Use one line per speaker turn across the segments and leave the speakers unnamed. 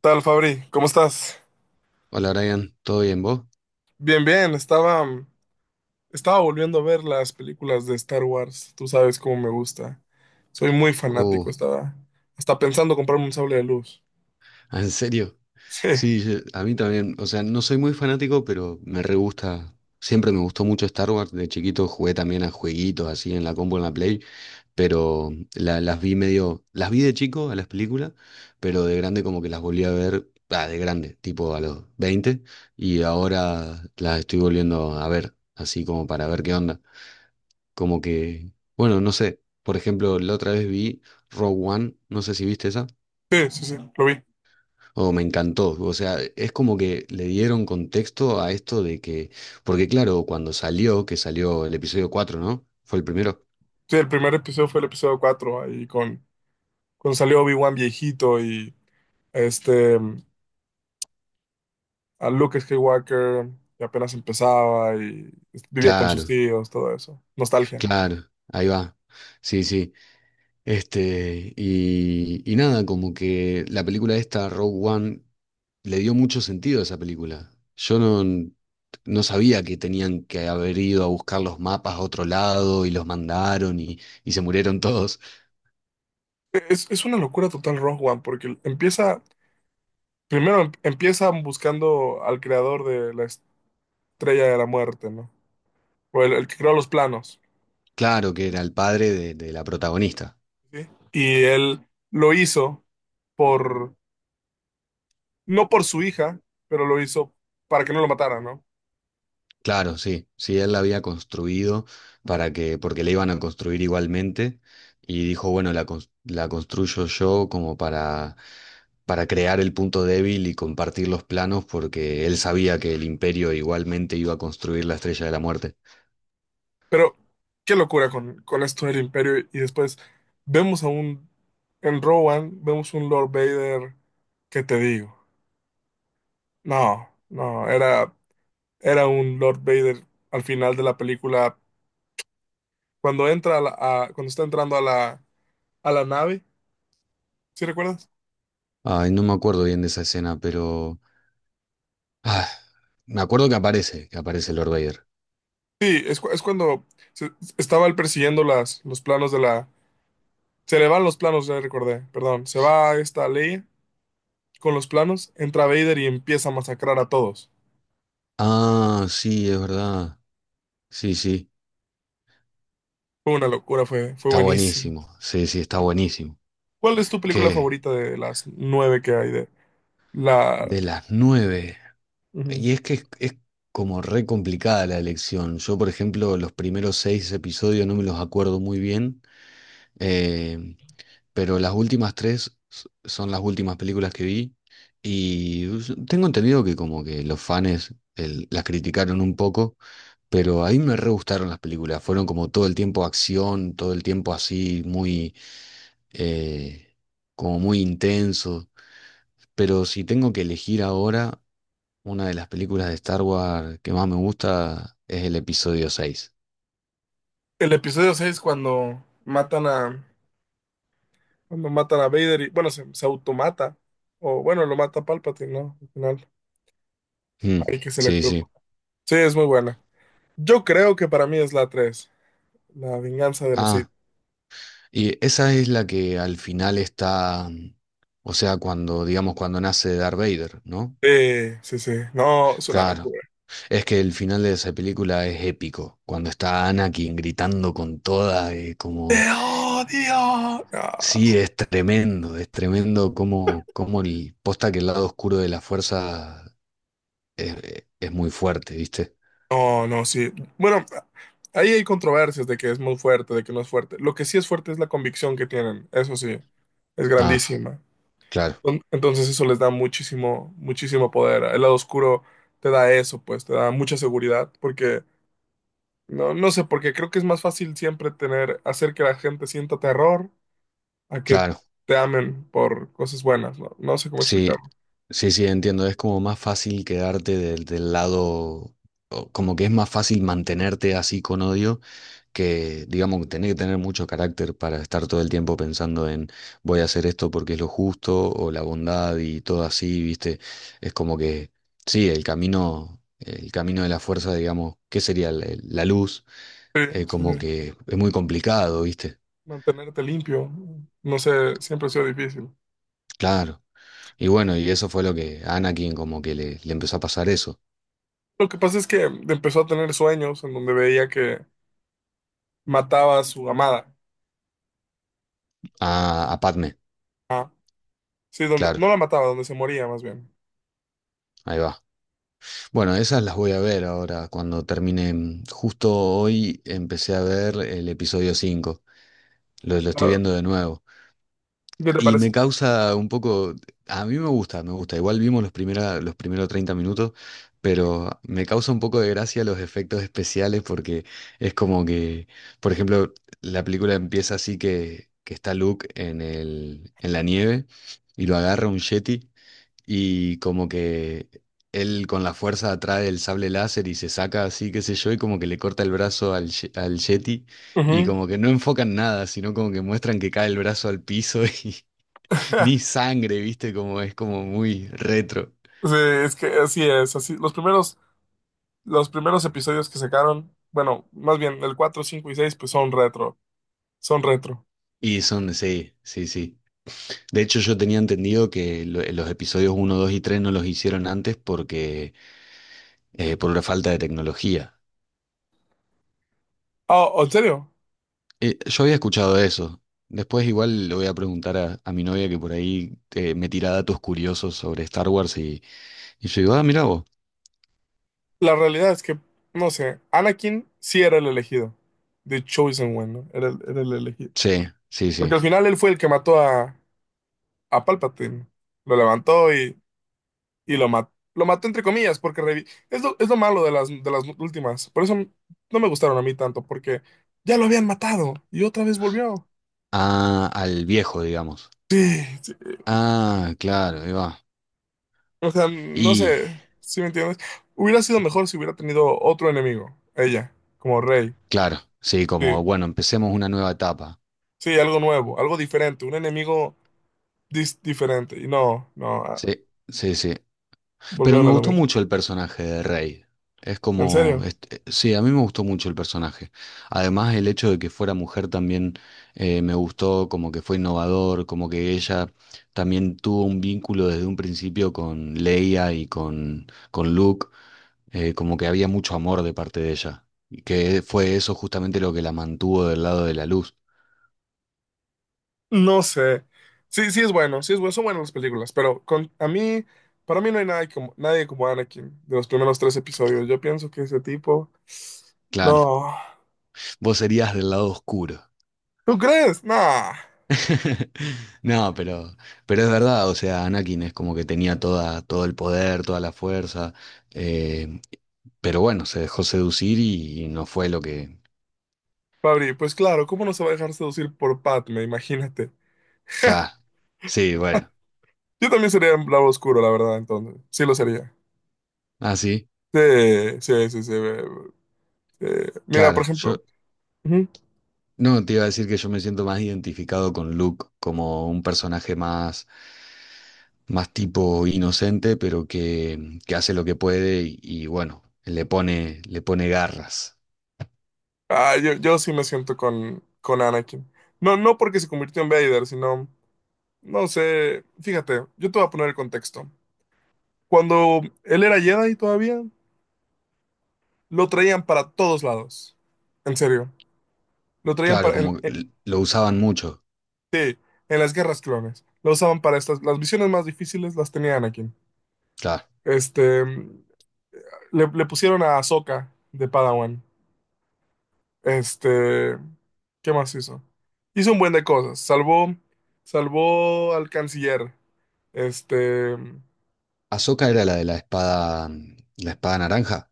Tal, Fabri? ¿Cómo estás?
Hola Brian, ¿todo bien vos?
Bien, bien. Estaba volviendo a ver las películas de Star Wars. Tú sabes cómo me gusta. Soy muy fanático.
Oh,
Estaba hasta pensando comprarme un sable de luz.
¿en serio?
Sí,
Sí, a mí también, o sea, no soy muy fanático, pero me re gusta, siempre me gustó mucho Star Wars, de chiquito jugué también a jueguitos así en la combo, en la Play, pero las vi medio, las vi de chico a las películas, pero de grande como que las volví a ver, ah, de grande, tipo a los 20, y ahora las estoy volviendo a ver, así como para ver qué onda, como que, bueno, no sé, por ejemplo, la otra vez vi Rogue One, no sé si viste esa.
sí, sí, sí, lo vi.
O me encantó. O sea, es como que le dieron contexto a esto de que, porque claro, cuando salió, que salió el episodio cuatro, ¿no? ¿Fue el primero?
Sí, el primer episodio fue el episodio 4 ahí con, cuando salió Obi-Wan viejito y este, mm, a Luke Skywalker, que apenas empezaba y vivía con sus
Claro,
tíos, todo eso. Nostalgia.
claro, ahí va. Sí, sí. Y nada, como que la película esta, Rogue One, le dio mucho sentido a esa película. Yo no, no sabía que tenían que haber ido a buscar los mapas a otro lado y los mandaron y se murieron todos.
Es una locura total Rogue One, porque empieza primero empiezan buscando al creador de la estrella de la muerte, ¿no? O el que creó los planos.
Claro que era el padre de la protagonista.
¿Sí? Y él lo hizo por, no por su hija, pero lo hizo para que no lo mataran, ¿no?
Claro, sí, sí, él la había construido para que, porque la iban a construir igualmente, y dijo, bueno, la construyo yo como para, crear el punto débil y compartir los planos, porque él sabía que el imperio igualmente iba a construir la Estrella de la Muerte.
Pero qué locura con esto del imperio. Y después vemos a un, en Rowan, vemos un Lord Vader, ¿qué te digo? No, no, era, era un Lord Vader al final de la película, cuando entra a la- a- cuando está entrando a la nave. ¿Sí recuerdas?
Ay, no me acuerdo bien de esa escena, pero... Ah, me acuerdo que aparece Lord Vader.
Sí, es, es cuando se- estaba él persiguiendo los planos de la... Se le van los planos, ya recordé, perdón. Se va esta ley con los planos, entra Vader y empieza a masacrar a todos.
Ah, sí, es verdad. Sí, sí,
Fue una locura, fue, fue
está
buenísimo.
buenísimo. Sí, sí, está buenísimo.
¿Cuál es tu película
Que
favorita de las nueve que hay de la...?
de las nueve.
Ujú.
Y es que es como re complicada la elección. Yo, por ejemplo, los primeros seis episodios no me los acuerdo muy bien, eh, pero las últimas tres son las últimas películas que vi y tengo entendido que como que los fans las criticaron un poco, pero a mí me re gustaron las películas. Fueron como todo el tiempo acción, todo el tiempo así, muy, eh, como muy intenso. Pero si tengo que elegir ahora, una de las películas de Star Wars que más me gusta es el episodio seis.
El episodio 6 cuando matan a... Cuando matan a Vader y... Bueno, se automata. O bueno, lo mata Palpatine, ¿no? Al final,
Mm,
hay que se
sí, sí.
electrocuta. Sí, es muy buena. Yo creo que para mí es la tres, La venganza de los Sith.
Ah, y esa es la que al final está, o sea, cuando, digamos, cuando nace Darth Vader, ¿no?
Sí, sí, sí. No, es una
Claro,
locura.
es que el final de esa película es épico, cuando está Anakin gritando con toda,
¡Te
como,
odio! No,
sí, es tremendo como, como el, posta que el lado oscuro de la fuerza es muy fuerte, ¿viste?
no, no, sí. Bueno, ahí hay controversias de que es muy fuerte, de que no es fuerte. Lo que sí es fuerte es la convicción que tienen. Eso sí, es
Ah,
grandísima.
claro.
Entonces eso les da muchísimo, muchísimo poder. El lado oscuro te da eso, pues, te da mucha seguridad, porque no, no sé, porque creo que es más fácil siempre tener, hacer que la gente sienta terror a que
Claro,
te amen por cosas buenas, ¿no? No sé cómo explicar.
sí, sí, sí, entiendo. Es como más fácil quedarte del lado, o como que es más fácil mantenerte así con odio que, digamos, tener que tener mucho carácter para estar todo el tiempo pensando en voy a hacer esto porque es lo justo o la bondad y todo así, ¿viste? Es como que, sí, el camino de la fuerza, digamos, ¿qué sería la luz?
Sí, sí,
Como
sí.
que es muy complicado, ¿viste?
Mantenerte limpio, no sé, siempre ha sido difícil.
Claro. Y bueno, y eso fue lo que a Anakin como que le empezó a pasar eso.
Lo que pasa es que empezó a tener sueños en donde veía que mataba a su amada.
Ah, a Padme,
Ah, sí, donde
claro,
no la mataba, donde se moría más bien.
ahí va. Bueno, esas las voy a ver ahora cuando termine. Justo hoy empecé a ver el episodio cinco, lo estoy
Ah,
viendo de nuevo.
¿qué te
Y
parece?
me causa un poco, a mí me gusta, me gusta. Igual vimos los primeros 30 minutos, pero me causa un poco de gracia los efectos especiales porque es como que, por ejemplo, la película empieza así que está Luke en la nieve y lo agarra un yeti. Y como que él con la fuerza atrae el sable láser y se saca así, qué sé yo, y como que le corta el brazo al Yeti. Y
Ujú.
como que no enfocan nada, sino como que muestran que cae el brazo al piso y ni sangre, ¿viste? Como es como muy retro.
Sí, es que así es, así. Los primeros episodios que sacaron, bueno, más bien el 4, 5 y 6, pues son retro, son retro.
Y son, sí, sí, sí. De hecho, yo tenía entendido que los episodios uno 2 y 3 no los hicieron antes porque, por una falta de tecnología.
Oh, en serio,
Yo había escuchado eso. Después igual le voy a preguntar a mi novia que por ahí me tira datos curiosos sobre Star Wars y yo digo, ah, mira vos.
la realidad es que, no sé, Anakin sí era el elegido, The Chosen One, ¿no? Era el elegido.
Sí, sí,
Porque
sí.
al final él fue el que mató a Palpatine. Lo levantó y lo mató. Lo mató entre comillas, porque es lo malo de de las últimas. Por eso no me gustaron a mí tanto, porque ya lo habían matado y otra vez volvió.
Ah, al viejo, digamos.
Sí, sí.
Ah, claro, ahí va.
O sea, no
Y
sé si me entiendes. Hubiera sido mejor si hubiera tenido otro enemigo, ella, como rey.
claro, sí,
Sí,
como, bueno, empecemos una nueva etapa.
sí, algo nuevo, algo diferente, un enemigo diferente. Y no, no, ah,
Sí, sí, sí. Pero
volvieron
me
a lo
gustó
mismo.
mucho el personaje de Rey. Es
¿En
como,
serio?
sí, a mí me gustó mucho el personaje. Además, el hecho de que fuera mujer también me gustó, como que fue innovador, como que ella también tuvo un vínculo desde un principio con Leia y con Luke, como que había mucho amor de parte de ella. Y que fue eso justamente lo que la mantuvo del lado de la luz.
No sé. Sí, sí es bueno, son buenas las películas, pero con a mí, para mí no hay nadie como, nadie como Anakin de los primeros tres episodios. Yo pienso que ese tipo,
Claro,
no.
vos serías del lado oscuro.
¿Tú crees? Nah.
No, pero es verdad, o sea, Anakin es como que tenía todo el poder, toda la fuerza, eh, pero bueno, se dejó seducir y no fue lo que...
Fabri, pues claro, ¿cómo no se va a dejar seducir por Padme? Imagínate.
Claro, sí, bueno,
Yo también sería un lado oscuro, la verdad, entonces. Sí lo sería.
ah, sí,
Sí, sí, sí, sí. Eh, mira, por
claro, yo
ejemplo. Ujú.
no te iba a decir que yo me siento más identificado con Luke como un personaje más tipo inocente, pero que hace lo que puede y bueno, le pone garras.
Ah, yo sí me siento con Anakin. No, no porque se convirtió en Vader, sino. No sé, fíjate, yo te voy a poner el contexto. Cuando él era Jedi todavía, lo traían para todos lados. En serio, lo traían
Claro, como lo usaban mucho,
en las guerras clones. Lo usaban para estas, las misiones más difíciles las tenía Anakin.
claro.
Este, le pusieron a Ahsoka de Padawan. Este, ¿qué más hizo? Hizo un buen de cosas. Salvó, salvó al canciller. Este,
Ahsoka era la de la espada naranja.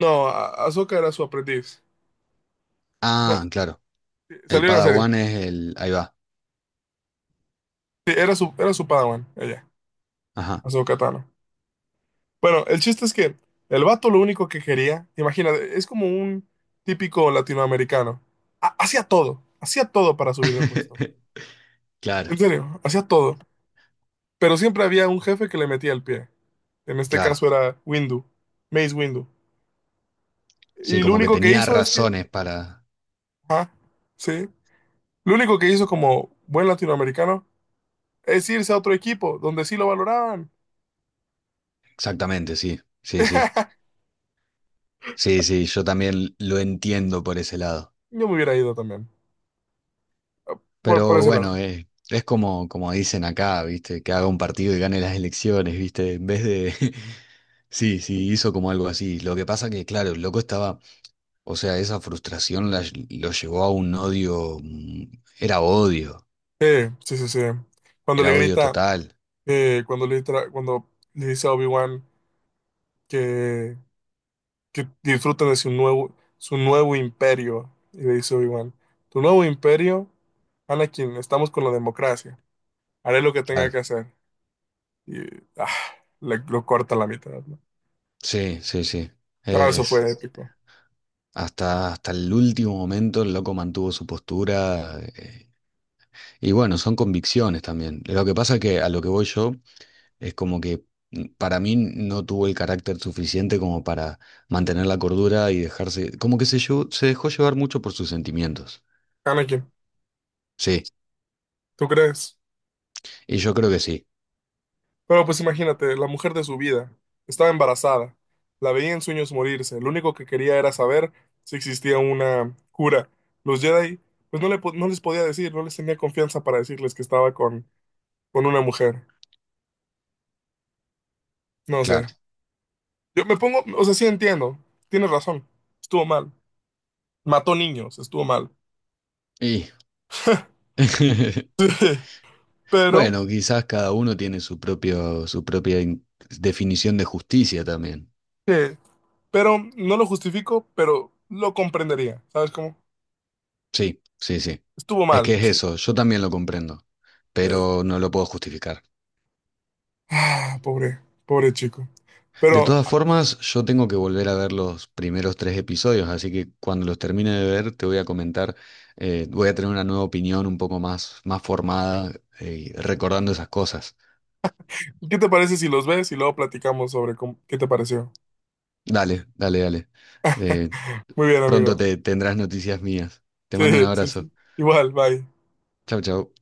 no, Ahsoka era su aprendiz. No,
Ah, claro. El
salió en la serie.
Padawan es el. Ahí va.
Sí, era su padawan, ella,
Ajá.
Ahsoka Tano. Bueno, el chiste es que el vato lo único que quería, imagínate, es como un típico latinoamericano. Hacía todo para subir de puesto.
Claro,
En serio, hacía todo. Pero siempre había un jefe que le metía el pie. En este
claro.
caso era Windu, Mace Windu.
Sí,
Y lo
como que
único que
tenía
hizo es que,
razones para.
ajá, sí, lo único que hizo como buen latinoamericano es irse a otro equipo donde sí lo valoraban.
Exactamente, sí. Sí, sí. Sí, sí, yo también lo entiendo por ese lado.
Yo me hubiera ido también, por
Pero
ese
bueno,
lado.
es como dicen acá, ¿viste? Que haga un partido y gane las elecciones, ¿viste? En vez de. Sí, sí, hizo como algo así. Lo que pasa que, claro, el loco estaba. O sea, esa frustración lo llevó a un odio, era odio,
Sí, sí, sí, sí. Cuando le
era odio
grita,
total.
cuando cuando le dice a Obi-Wan que, que disfruten de su nuevo imperio, y le dice Obi-Wan, tu nuevo imperio, Anakin, estamos con la democracia, haré lo que tenga
Claro.
que hacer. Y ah, le, lo corta a la mitad, ¿no?
Sí, sí, sí.
Ah, eso
Es,
fue épico.
hasta el último momento el loco mantuvo su postura. Y bueno, son convicciones también. Lo que pasa es que a lo que voy yo es como que para mí no tuvo el carácter suficiente como para mantener la cordura y dejarse, como que se dejó llevar mucho por sus sentimientos.
Anakin,
Sí,
¿tú crees?
y yo creo que sí,
Pero pues imagínate, la mujer de su vida estaba embarazada, la veía en sueños morirse, lo único que quería era saber si existía una cura. Los Jedi, pues no, no les podía decir, no les tenía confianza para decirles que estaba con una mujer. No sé.
claro.
Yo me pongo, o sea, sí entiendo, tienes razón, estuvo mal. Mató niños, estuvo mal.
Y...
Pero,
Bueno, quizás cada uno tiene su propia definición de justicia también.
¿qué? Pero no lo justifico, pero lo comprendería, ¿sabes cómo?
Sí, sí, sí.
Estuvo
Es que
mal,
es
sí.
eso, yo también lo comprendo,
Eh,
pero no lo puedo justificar.
ah, pobre, pobre chico.
De
Pero
todas formas, yo tengo que volver a ver los primeros tres episodios, así que cuando los termine de ver te voy a comentar, voy a tener una nueva opinión un poco más formada, recordando esas cosas.
¿qué te parece si los ves y luego platicamos sobre cómo- qué te pareció?
Dale, dale, dale. Eh,
Muy bien,
pronto
amigo.
te tendrás noticias mías. Te mando un
Sí, sí,
abrazo.
sí. Igual, bye.
Chau, chau.